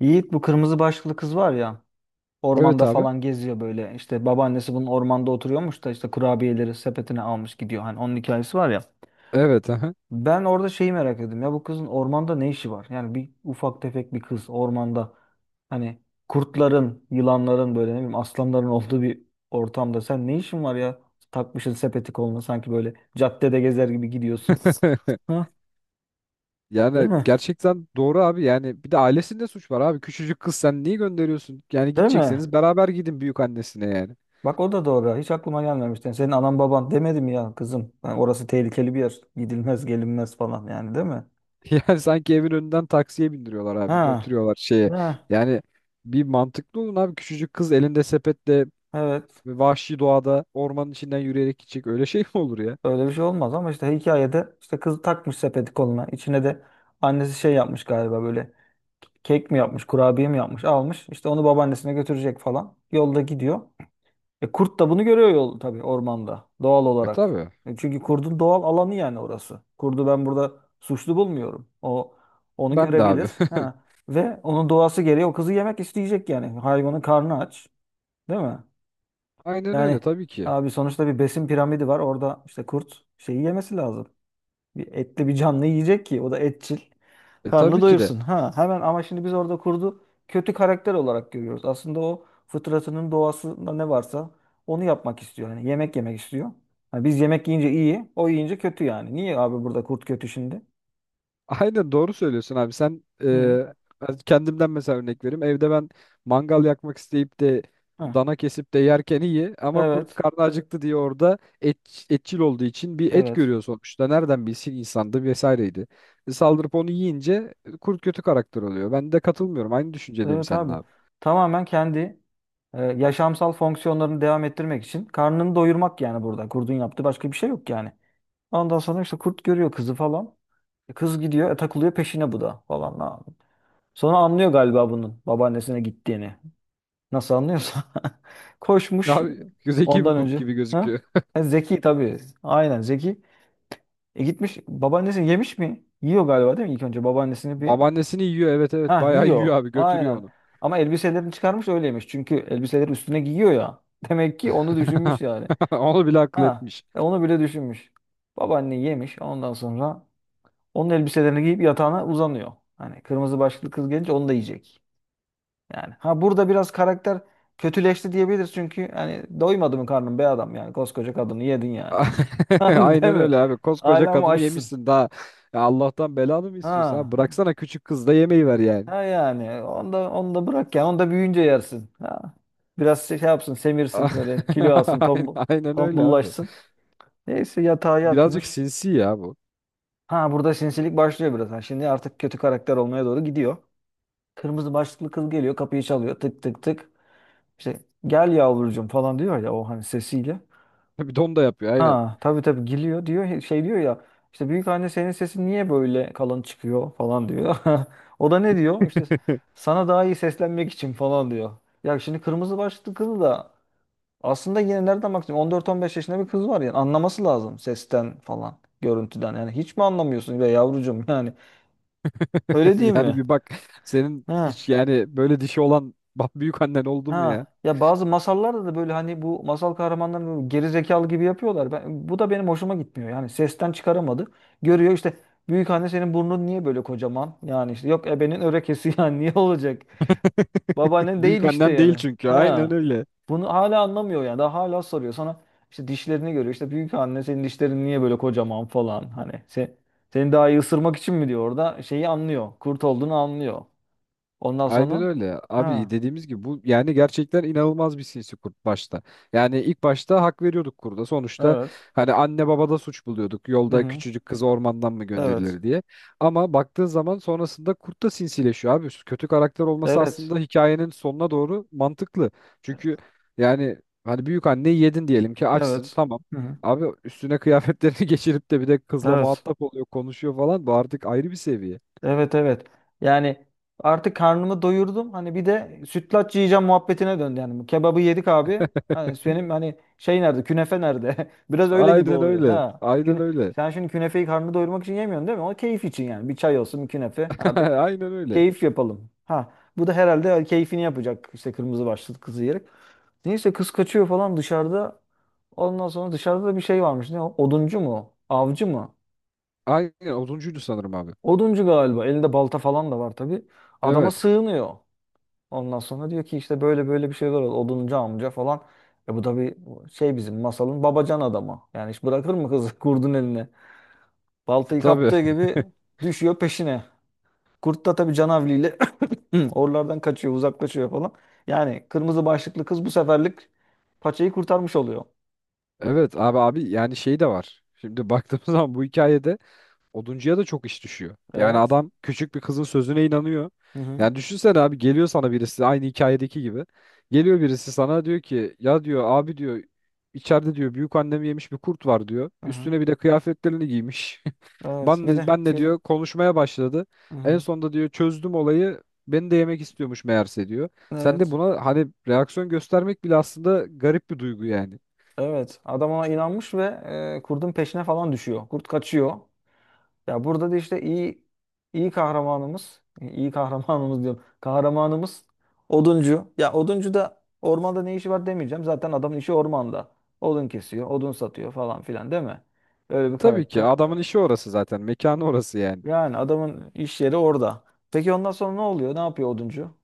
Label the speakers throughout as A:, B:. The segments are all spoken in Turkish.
A: Yiğit bu kırmızı başlıklı kız var ya
B: Evet
A: ormanda
B: abi.
A: falan geziyor böyle işte babaannesi bunun ormanda oturuyormuş da işte kurabiyeleri sepetine almış gidiyor hani onun hikayesi var ya.
B: Evet, aha.
A: Ben orada şeyi merak ettim ya bu kızın ormanda ne işi var? Yani bir ufak tefek bir kız ormanda hani kurtların, yılanların böyle ne bileyim aslanların olduğu bir ortamda sen ne işin var ya? Takmışsın sepeti koluna sanki böyle caddede gezer gibi gidiyorsun. Ha? Değil
B: Yani
A: mi?
B: gerçekten doğru abi. Yani bir de ailesinde suç var abi. Küçücük kız, sen niye gönderiyorsun? Yani
A: Değil mi?
B: gidecekseniz beraber gidin büyük annesine yani.
A: Bak o da doğru. Hiç aklıma gelmemişti. Yani senin anan baban demedi mi ya kızım? Yani orası tehlikeli bir yer. Gidilmez, gelinmez falan yani değil mi?
B: Yani sanki evin önünden taksiye bindiriyorlar abi.
A: Ha.
B: Götürüyorlar şeye.
A: Ha.
B: Yani bir mantıklı olun abi. Küçücük kız elinde sepetle
A: Evet.
B: vahşi doğada ormanın içinden yürüyerek gidecek. Öyle şey mi olur ya?
A: Öyle bir şey olmaz ama işte hikayede işte kız takmış sepeti koluna. İçine de annesi şey yapmış galiba böyle kek mi yapmış, kurabiye mi yapmış, almış. İşte onu babaannesine götürecek falan. Yolda gidiyor. E, kurt da bunu görüyor yol tabii ormanda doğal
B: E
A: olarak.
B: tabii.
A: E, çünkü kurdun doğal alanı yani orası. Kurdu ben burada suçlu bulmuyorum. O onu
B: Ben de abi.
A: görebilir. Ha. Ve onun doğası gereği o kızı yemek isteyecek yani. Hayvanın karnı aç, değil mi?
B: Aynen
A: Yani
B: öyle, tabii ki.
A: abi sonuçta bir besin piramidi var. Orada işte kurt şeyi yemesi lazım. Bir etli bir canlı yiyecek ki o da etçil.
B: E
A: Karnını
B: tabii ki de.
A: doyursun. Ha hemen ama şimdi biz orada kurdu kötü karakter olarak görüyoruz. Aslında o fıtratının doğasında ne varsa onu yapmak istiyor. Hani yemek yemek istiyor. Hani biz yemek yiyince iyi, o yiyince kötü yani. Niye abi burada kurt kötü şimdi?
B: Aynen doğru söylüyorsun abi. Sen
A: Hı.
B: ben kendimden mesela örnek vereyim. Evde ben mangal yakmak isteyip de
A: Ha.
B: dana kesip de yerken iyi, ama kurt
A: Evet.
B: karnı acıktı diye orada etçil olduğu için bir et
A: Evet.
B: görüyor sonuçta. Nereden bilsin insandı vesaireydi. E, saldırıp onu yiyince kurt kötü karakter oluyor. Ben de katılmıyorum. Aynı düşüncedeyim
A: Evet
B: seninle
A: abi.
B: abi.
A: Tamamen kendi yaşamsal fonksiyonlarını devam ettirmek için karnını doyurmak yani burada kurdun yaptığı başka bir şey yok yani. Ondan sonra işte kurt görüyor kızı falan. E, kız gidiyor, takılıyor peşine bu da falan. Ha. Sonra anlıyor galiba bunun babaannesine gittiğini. Nasıl anlıyorsa. Koşmuş
B: Abi zeki bir
A: ondan
B: kurt
A: önce.
B: gibi
A: Ha?
B: gözüküyor.
A: E, zeki tabii. Aynen zeki. E gitmiş babaannesini yemiş mi? Yiyor galiba değil mi ilk önce babaannesini bir...
B: Babaannesini yiyor, evet evet,
A: Ha
B: bayağı
A: yiyor.
B: yiyor abi, götürüyor
A: Aynen.
B: onu.
A: Ama elbiselerini çıkarmış öyle yemiş. Çünkü elbiseleri üstüne giyiyor ya. Demek ki onu düşünmüş yani.
B: Onu bile akıl
A: Ha
B: etmiş.
A: onu bile düşünmüş. Babaanne yemiş ondan sonra onun elbiselerini giyip yatağına uzanıyor. Hani kırmızı başlıklı kız gelince onu da yiyecek. Yani ha burada biraz karakter kötüleşti diyebiliriz çünkü hani doymadı mı karnın be adam yani koskoca kadını yedin yani. Hani değil
B: Aynen
A: mi?
B: öyle abi. Koskoca
A: Hala mı
B: kadını
A: açsın?
B: yemişsin daha. Ya Allah'tan belanı mı istiyorsun abi?
A: Ha,
B: Bıraksana, küçük kız da yemeği ver yani.
A: ha yani onu da, onu da bırak ya onu da büyüyünce yersin. Ha. Biraz şey yapsın semirsin böyle kilo alsın
B: Aynen
A: tombul,
B: aynen öyle abi.
A: tombullaşsın. Neyse yatağa
B: Birazcık
A: yatmış.
B: sinsi ya bu.
A: Ha burada sinsilik başlıyor biraz. Ha, şimdi artık kötü karakter olmaya doğru gidiyor. Kırmızı başlıklı kız geliyor kapıyı çalıyor tık tık tık. İşte gel yavrucuğum falan diyor ya o hani sesiyle.
B: Bir don da yapıyor aynen.
A: Ha tabii tabii geliyor diyor şey diyor ya işte büyük anne senin sesin niye böyle kalın çıkıyor falan diyor. O da ne diyor işte sana daha iyi seslenmek için falan diyor. Ya şimdi kırmızı başlıklı kızı da aslında yine nereden bakacağım 14-15 yaşında bir kız var yani anlaması lazım sesten falan görüntüden yani hiç mi anlamıyorsun be yavrucuğum yani öyle değil
B: Yani
A: mi?
B: bir bak, senin
A: Ha.
B: hiç yani böyle dişi olan, bak, büyük annen oldu mu ya?
A: Ha ya bazı masallarda da böyle hani bu masal kahramanlarını böyle geri zekalı gibi yapıyorlar. Bu da benim hoşuma gitmiyor. Yani sesten çıkaramadı. Görüyor işte büyük anne senin burnun niye böyle kocaman? Yani işte yok ebenin örekesi yani niye olacak? Babaannen değil
B: Büyük
A: işte
B: annen değil
A: yani.
B: çünkü, aynen
A: Ha.
B: öyle.
A: Bunu hala anlamıyor yani. Daha hala soruyor sana işte dişlerini görüyor. İşte büyük anne senin dişlerin niye böyle kocaman falan hani sen seni daha iyi ısırmak için mi diyor orada şeyi anlıyor. Kurt olduğunu anlıyor. Ondan
B: Aynen
A: sonra
B: öyle. Abi
A: ha
B: dediğimiz gibi bu, yani gerçekten inanılmaz bir sinsi kurt başta. Yani ilk başta hak veriyorduk kurda. Sonuçta
A: evet.
B: hani anne babada suç buluyorduk.
A: Hı
B: Yolda
A: hı.
B: küçücük kız ormandan mı
A: Evet.
B: gönderilir diye. Ama baktığın zaman sonrasında kurt da sinsileşiyor abi. Kötü karakter olması
A: Evet.
B: aslında hikayenin sonuna doğru mantıklı. Çünkü yani hani büyük anneyi yedin diyelim ki, açsın,
A: Evet.
B: tamam.
A: Hı hı.
B: Abi üstüne kıyafetlerini geçirip de bir de kızla
A: Evet.
B: muhatap oluyor, konuşuyor falan. Bu artık ayrı bir seviye.
A: Evet evet. Yani artık karnımı doyurdum. Hani bir de sütlaç yiyeceğim muhabbetine döndü yani. Bu kebabı yedik abi. Hani benim hani şey nerede? Künefe nerede? Biraz öyle gibi
B: Aynen
A: oluyor.
B: öyle.
A: Ha.
B: Aynen öyle.
A: Sen şimdi künefeyi karnını doyurmak için yemiyorsun değil mi? O keyif için yani. Bir çay olsun, bir künefe. Artık
B: Aynen öyle.
A: keyif yapalım. Ha. Bu da herhalde keyfini yapacak. İşte kırmızı başlıklı kızı yiyerek. Neyse kız kaçıyor falan dışarıda. Ondan sonra dışarıda da bir şey varmış. Ne o? Oduncu mu? Avcı mı?
B: Aynen 30'uydu sanırım abi.
A: Oduncu galiba. Elinde balta falan da var tabii. Adama
B: Evet.
A: sığınıyor. Ondan sonra diyor ki işte böyle böyle bir şeyler oldu. Oduncu amca falan. E bu tabii şey bizim masalın babacan adamı. Yani hiç bırakır mı kızı kurdun eline? Baltayı
B: Tabii.
A: kaptığı gibi düşüyor peşine. Kurt da tabii canavliyle oralardan kaçıyor, uzaklaşıyor falan. Yani kırmızı başlıklı kız bu seferlik paçayı kurtarmış oluyor.
B: Evet abi, abi yani şey de var. Şimdi baktığımız zaman bu hikayede oduncuya da çok iş düşüyor. Yani
A: Evet.
B: adam küçük bir kızın sözüne inanıyor.
A: Hı hı.
B: Yani düşünsene abi, geliyor sana birisi aynı hikayedeki gibi. Geliyor birisi sana, diyor ki ya, diyor abi, diyor, içeride diyor büyük annemi yemiş bir kurt var, diyor.
A: Hı hı.
B: Üstüne bir de kıyafetlerini giymiş.
A: Evet.
B: Ben
A: Bir
B: ne,
A: de
B: ben ne
A: bir.
B: diyor, konuşmaya başladı.
A: Hı
B: En
A: hı.
B: sonunda diyor çözdüm olayı. Beni de yemek istiyormuş meğerse, diyor. Sen de
A: Evet.
B: buna hani reaksiyon göstermek bile aslında garip bir duygu yani.
A: Evet, adam ona inanmış ve kurdun peşine falan düşüyor. Kurt kaçıyor. Ya burada da işte iyi iyi kahramanımız, iyi kahramanımız diyorum. Kahramanımız oduncu. Ya oduncu da ormanda ne işi var demeyeceğim. Zaten adamın işi ormanda. Odun kesiyor, odun satıyor falan filan değil mi? Öyle bir
B: Tabii ki
A: karakter.
B: adamın işi orası zaten. Mekanı orası yani.
A: Yani adamın iş yeri orada. Peki ondan sonra ne oluyor? Ne yapıyor oduncu?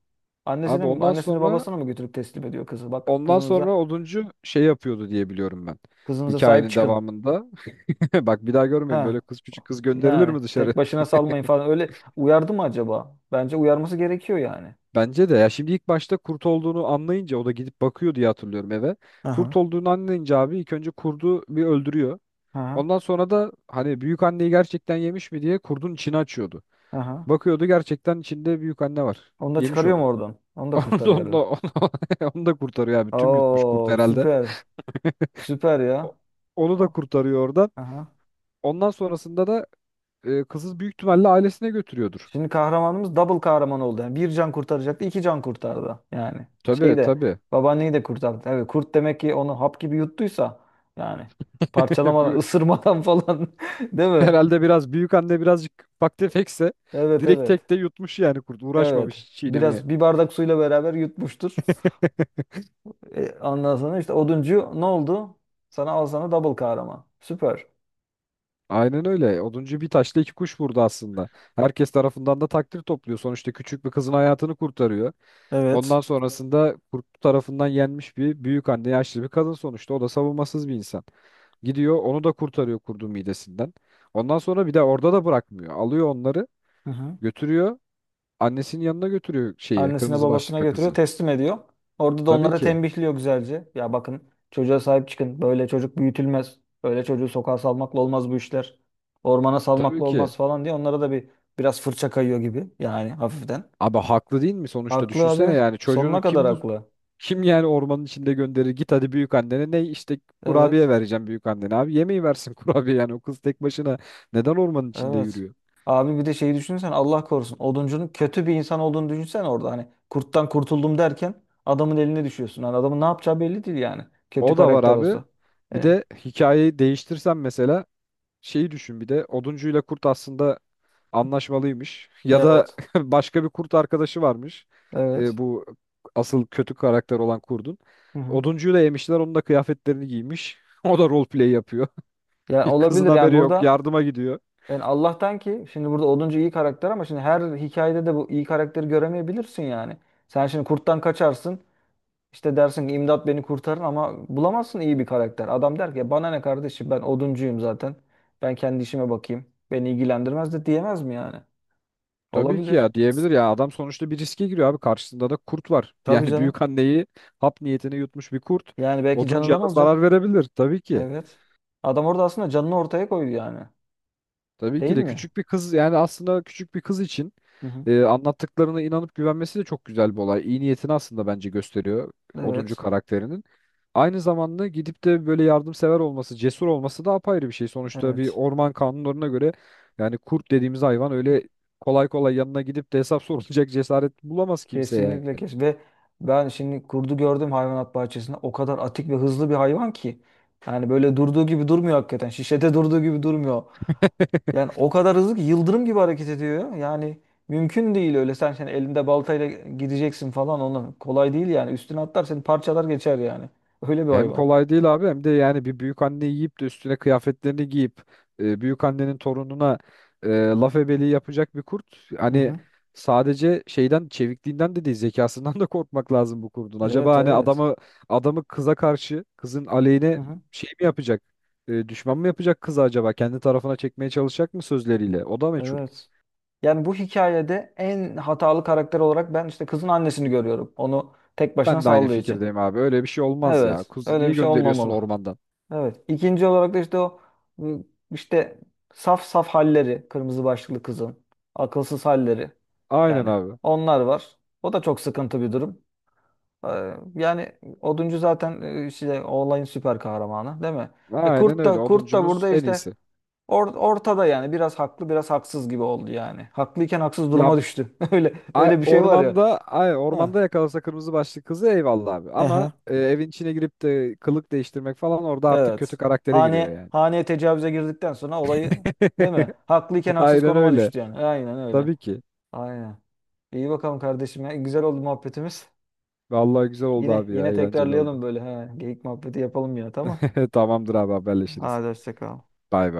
A: Annesini
B: Abi
A: mi,
B: ondan
A: annesini
B: sonra
A: babasını mı götürüp teslim ediyor kızı? Bak
B: Ondan sonra
A: kızınıza,
B: oduncu şey yapıyordu diye biliyorum ben.
A: kızınıza sahip
B: Hikayenin
A: çıkın.
B: devamında. Bak, bir daha görmeyin, böyle
A: Ha,
B: kız, küçük kız gönderilir
A: yani
B: mi dışarı?
A: tek başına salmayın falan öyle uyardı mı acaba? Bence uyarması gerekiyor yani.
B: Bence de, ya şimdi ilk başta kurt olduğunu anlayınca o da gidip bakıyor diye hatırlıyorum eve.
A: Aha.
B: Kurt olduğunu anlayınca abi ilk önce kurdu bir öldürüyor.
A: Aha.
B: Ondan sonra da hani büyük anneyi gerçekten yemiş mi diye kurdun içini açıyordu.
A: Aha.
B: Bakıyordu, gerçekten içinde büyük anne var.
A: Onu da
B: Yemiş
A: çıkarıyor
B: onu.
A: mu oradan? Onu da
B: Onu da,
A: kurtarıyor
B: onu da,
A: herhalde.
B: onu da onu da kurtarıyor abi. Tüm yutmuş kurt
A: Oo,
B: herhalde.
A: süper. Süper
B: O-
A: ya.
B: Onu da
A: O-
B: kurtarıyor oradan.
A: Aha.
B: Ondan sonrasında da kızı büyük ihtimalle ailesine götürüyordur.
A: Şimdi kahramanımız double kahraman oldu. Yani bir can kurtaracaktı, iki can kurtardı. Yani şeyi
B: Tabii
A: de
B: tabii.
A: babaanneyi de kurtardı. Evet, kurt demek ki onu hap gibi yuttuysa yani parçalamadan,
B: Bu-
A: ısırmadan falan değil mi?
B: Herhalde biraz büyük anne birazcık ufak tefekse
A: Evet,
B: direkt
A: evet.
B: tekte yutmuş, yani kurt
A: Evet.
B: uğraşmamış hiç çiğnemeye.
A: Biraz bir bardak suyla beraber yutmuştur. E, ondan sonra işte oduncu ne oldu? Sana al sana double kahraman. Süper.
B: Aynen öyle. Oduncu bir taşla iki kuş vurdu aslında. Herkes tarafından da takdir topluyor. Sonuçta küçük bir kızın hayatını kurtarıyor.
A: Evet.
B: Ondan sonrasında kurt tarafından yenmiş bir büyük anne, yaşlı bir kadın sonuçta. O da savunmasız bir insan. Gidiyor onu da kurtarıyor kurdun midesinden. Ondan sonra bir de orada da bırakmıyor. Alıyor onları,
A: Hı hı.
B: götürüyor, annesinin yanına götürüyor şeyi,
A: Annesine
B: kırmızı
A: babasına
B: başlıklı
A: götürüyor,
B: kızı.
A: teslim ediyor. Orada da
B: Tabii
A: onlara
B: ki.
A: tembihliyor güzelce. Ya bakın çocuğa sahip çıkın. Böyle çocuk büyütülmez. Böyle çocuğu sokağa salmakla olmaz bu işler. Ormana
B: Tabii
A: salmakla
B: ki.
A: olmaz falan diye onlara da bir biraz fırça kayıyor gibi. Yani hafiften.
B: Abi haklı değil mi, sonuçta
A: Haklı
B: düşünsene,
A: abi.
B: yani
A: Sonuna
B: çocuğunu
A: kadar haklı.
B: kim yani ormanın içinde gönderir, git hadi büyük annene, ne, işte kurabiye
A: Evet.
B: vereceğim büyük annene, abi yemeği versin kurabiye, yani o kız tek başına neden ormanın içinde
A: Evet.
B: yürüyor?
A: Abi bir de şeyi düşünsen Allah korusun. Oduncunun kötü bir insan olduğunu düşünsen orada hani kurttan kurtuldum derken adamın eline düşüyorsun. Hani adamın ne yapacağı belli değil yani. Kötü
B: O da var
A: karakter
B: abi.
A: olsa.
B: Bir
A: Yani,
B: de hikayeyi değiştirsem mesela, şeyi düşün, bir de oduncuyla kurt aslında anlaşmalıymış ya da
A: evet.
B: başka bir kurt arkadaşı varmış. E,
A: Evet.
B: bu asıl kötü karakter olan kurdun.
A: Hı hı.
B: Oduncuyu da yemişler, onun da kıyafetlerini giymiş. O da roleplay yapıyor.
A: Yani
B: Kızın
A: olabilir yani
B: haberi yok,
A: burada
B: yardıma gidiyor.
A: yani Allah'tan ki şimdi burada oduncu iyi karakter ama şimdi her hikayede de bu iyi karakteri göremeyebilirsin yani. Sen şimdi kurttan kaçarsın. İşte dersin ki imdat beni kurtarın ama bulamazsın iyi bir karakter. Adam der ki bana ne kardeşim ben oduncuyum zaten. Ben kendi işime bakayım. Beni ilgilendirmez de diyemez mi yani?
B: Tabii ki,
A: Olabilir.
B: ya diyebilir ya, adam sonuçta bir riske giriyor abi, karşısında da kurt var.
A: Tabii
B: Yani
A: canım.
B: büyük anneyi hap niyetine yutmuş bir kurt
A: Yani belki
B: oduncuya
A: canından
B: da zarar
A: olacak.
B: verebilir tabii ki.
A: Evet. Adam orada aslında canını ortaya koydu yani.
B: Tabii ki
A: Değil
B: de
A: mi?
B: küçük bir kız, yani aslında küçük bir kız için
A: Hı hı.
B: anlattıklarına inanıp güvenmesi de çok güzel bir olay. İyi niyetini aslında bence gösteriyor oduncu
A: Evet.
B: karakterinin. Aynı zamanda gidip de böyle yardımsever olması, cesur olması da apayrı bir şey. Sonuçta bir
A: Evet.
B: orman kanunlarına göre yani kurt dediğimiz hayvan öyle kolay kolay yanına gidip de hesap sorulacak cesaret bulamaz kimseye
A: Kesinlikle
B: yani.
A: kes. Ve ben şimdi kurdu gördüm hayvanat bahçesinde. O kadar atik ve hızlı bir hayvan ki. Yani böyle durduğu gibi durmuyor hakikaten. Şişede durduğu gibi durmuyor. Yani o kadar hızlı ki yıldırım gibi hareket ediyor. Yani mümkün değil öyle sen şimdi elinde baltayla gideceksin falan onu. Kolay değil yani. Üstüne atlar seni parçalar geçer yani. Öyle bir
B: Hem
A: hayvan.
B: kolay değil abi, hem de yani bir büyük anne yiyip de üstüne kıyafetlerini giyip büyük annenin torununa laf ebeliği yapacak bir kurt.
A: Hı
B: Hani
A: hı.
B: sadece şeyden, çevikliğinden de değil, zekasından da korkmak lazım bu kurdun.
A: Evet
B: Acaba hani
A: evet.
B: adamı kıza karşı, kızın
A: Hı
B: aleyhine
A: hı.
B: şey mi yapacak? E, düşman mı yapacak kızı acaba? Kendi tarafına çekmeye çalışacak mı sözleriyle? O da meçhul.
A: Evet. Yani bu hikayede en hatalı karakter olarak ben işte kızın annesini görüyorum. Onu tek başına
B: Ben de aynı
A: saldığı için.
B: fikirdeyim abi. Öyle bir şey olmaz ya.
A: Evet.
B: Kuzu
A: Öyle
B: niye
A: bir şey
B: gönderiyorsun
A: olmamalı.
B: ormandan?
A: Evet. İkinci olarak da işte o ıı, işte saf saf halleri kırmızı başlıklı kızın akılsız halleri
B: Aynen
A: yani
B: abi.
A: onlar var. O da çok sıkıntı bir durum. Ee, yani oduncu zaten işte o olayın süper kahramanı değil mi? E
B: Aynen
A: kurt
B: öyle.
A: da
B: Oduncumuz
A: burada
B: en
A: işte
B: iyisi.
A: ortada yani biraz haklı biraz haksız gibi oldu yani. Haklıyken haksız
B: Ya
A: duruma düştü. Öyle
B: Ay,
A: öyle bir şey var ya.
B: ormanda ay
A: Ha.
B: ormanda yakalasa kırmızı başlı kızı eyvallah abi. Ama
A: Aha.
B: evin içine girip de kılık değiştirmek falan, orada artık kötü
A: Evet.
B: karaktere giriyor
A: Hane,
B: yani.
A: haneye tecavüze girdikten sonra olayı değil mi? Haklıyken haksız
B: Aynen
A: konuma
B: öyle.
A: düştü yani. Aynen öyle.
B: Tabii ki.
A: Aynen. İyi bakalım kardeşim ya. Güzel oldu muhabbetimiz.
B: Vallahi güzel oldu
A: Yine
B: abi ya,
A: yine
B: eğlenceli oldu.
A: tekrarlayalım böyle. Ha, geyik muhabbeti yapalım yine tamam.
B: Tamamdır abi, haberleşiriz.
A: Hadi hoşça kal.
B: Bay bay.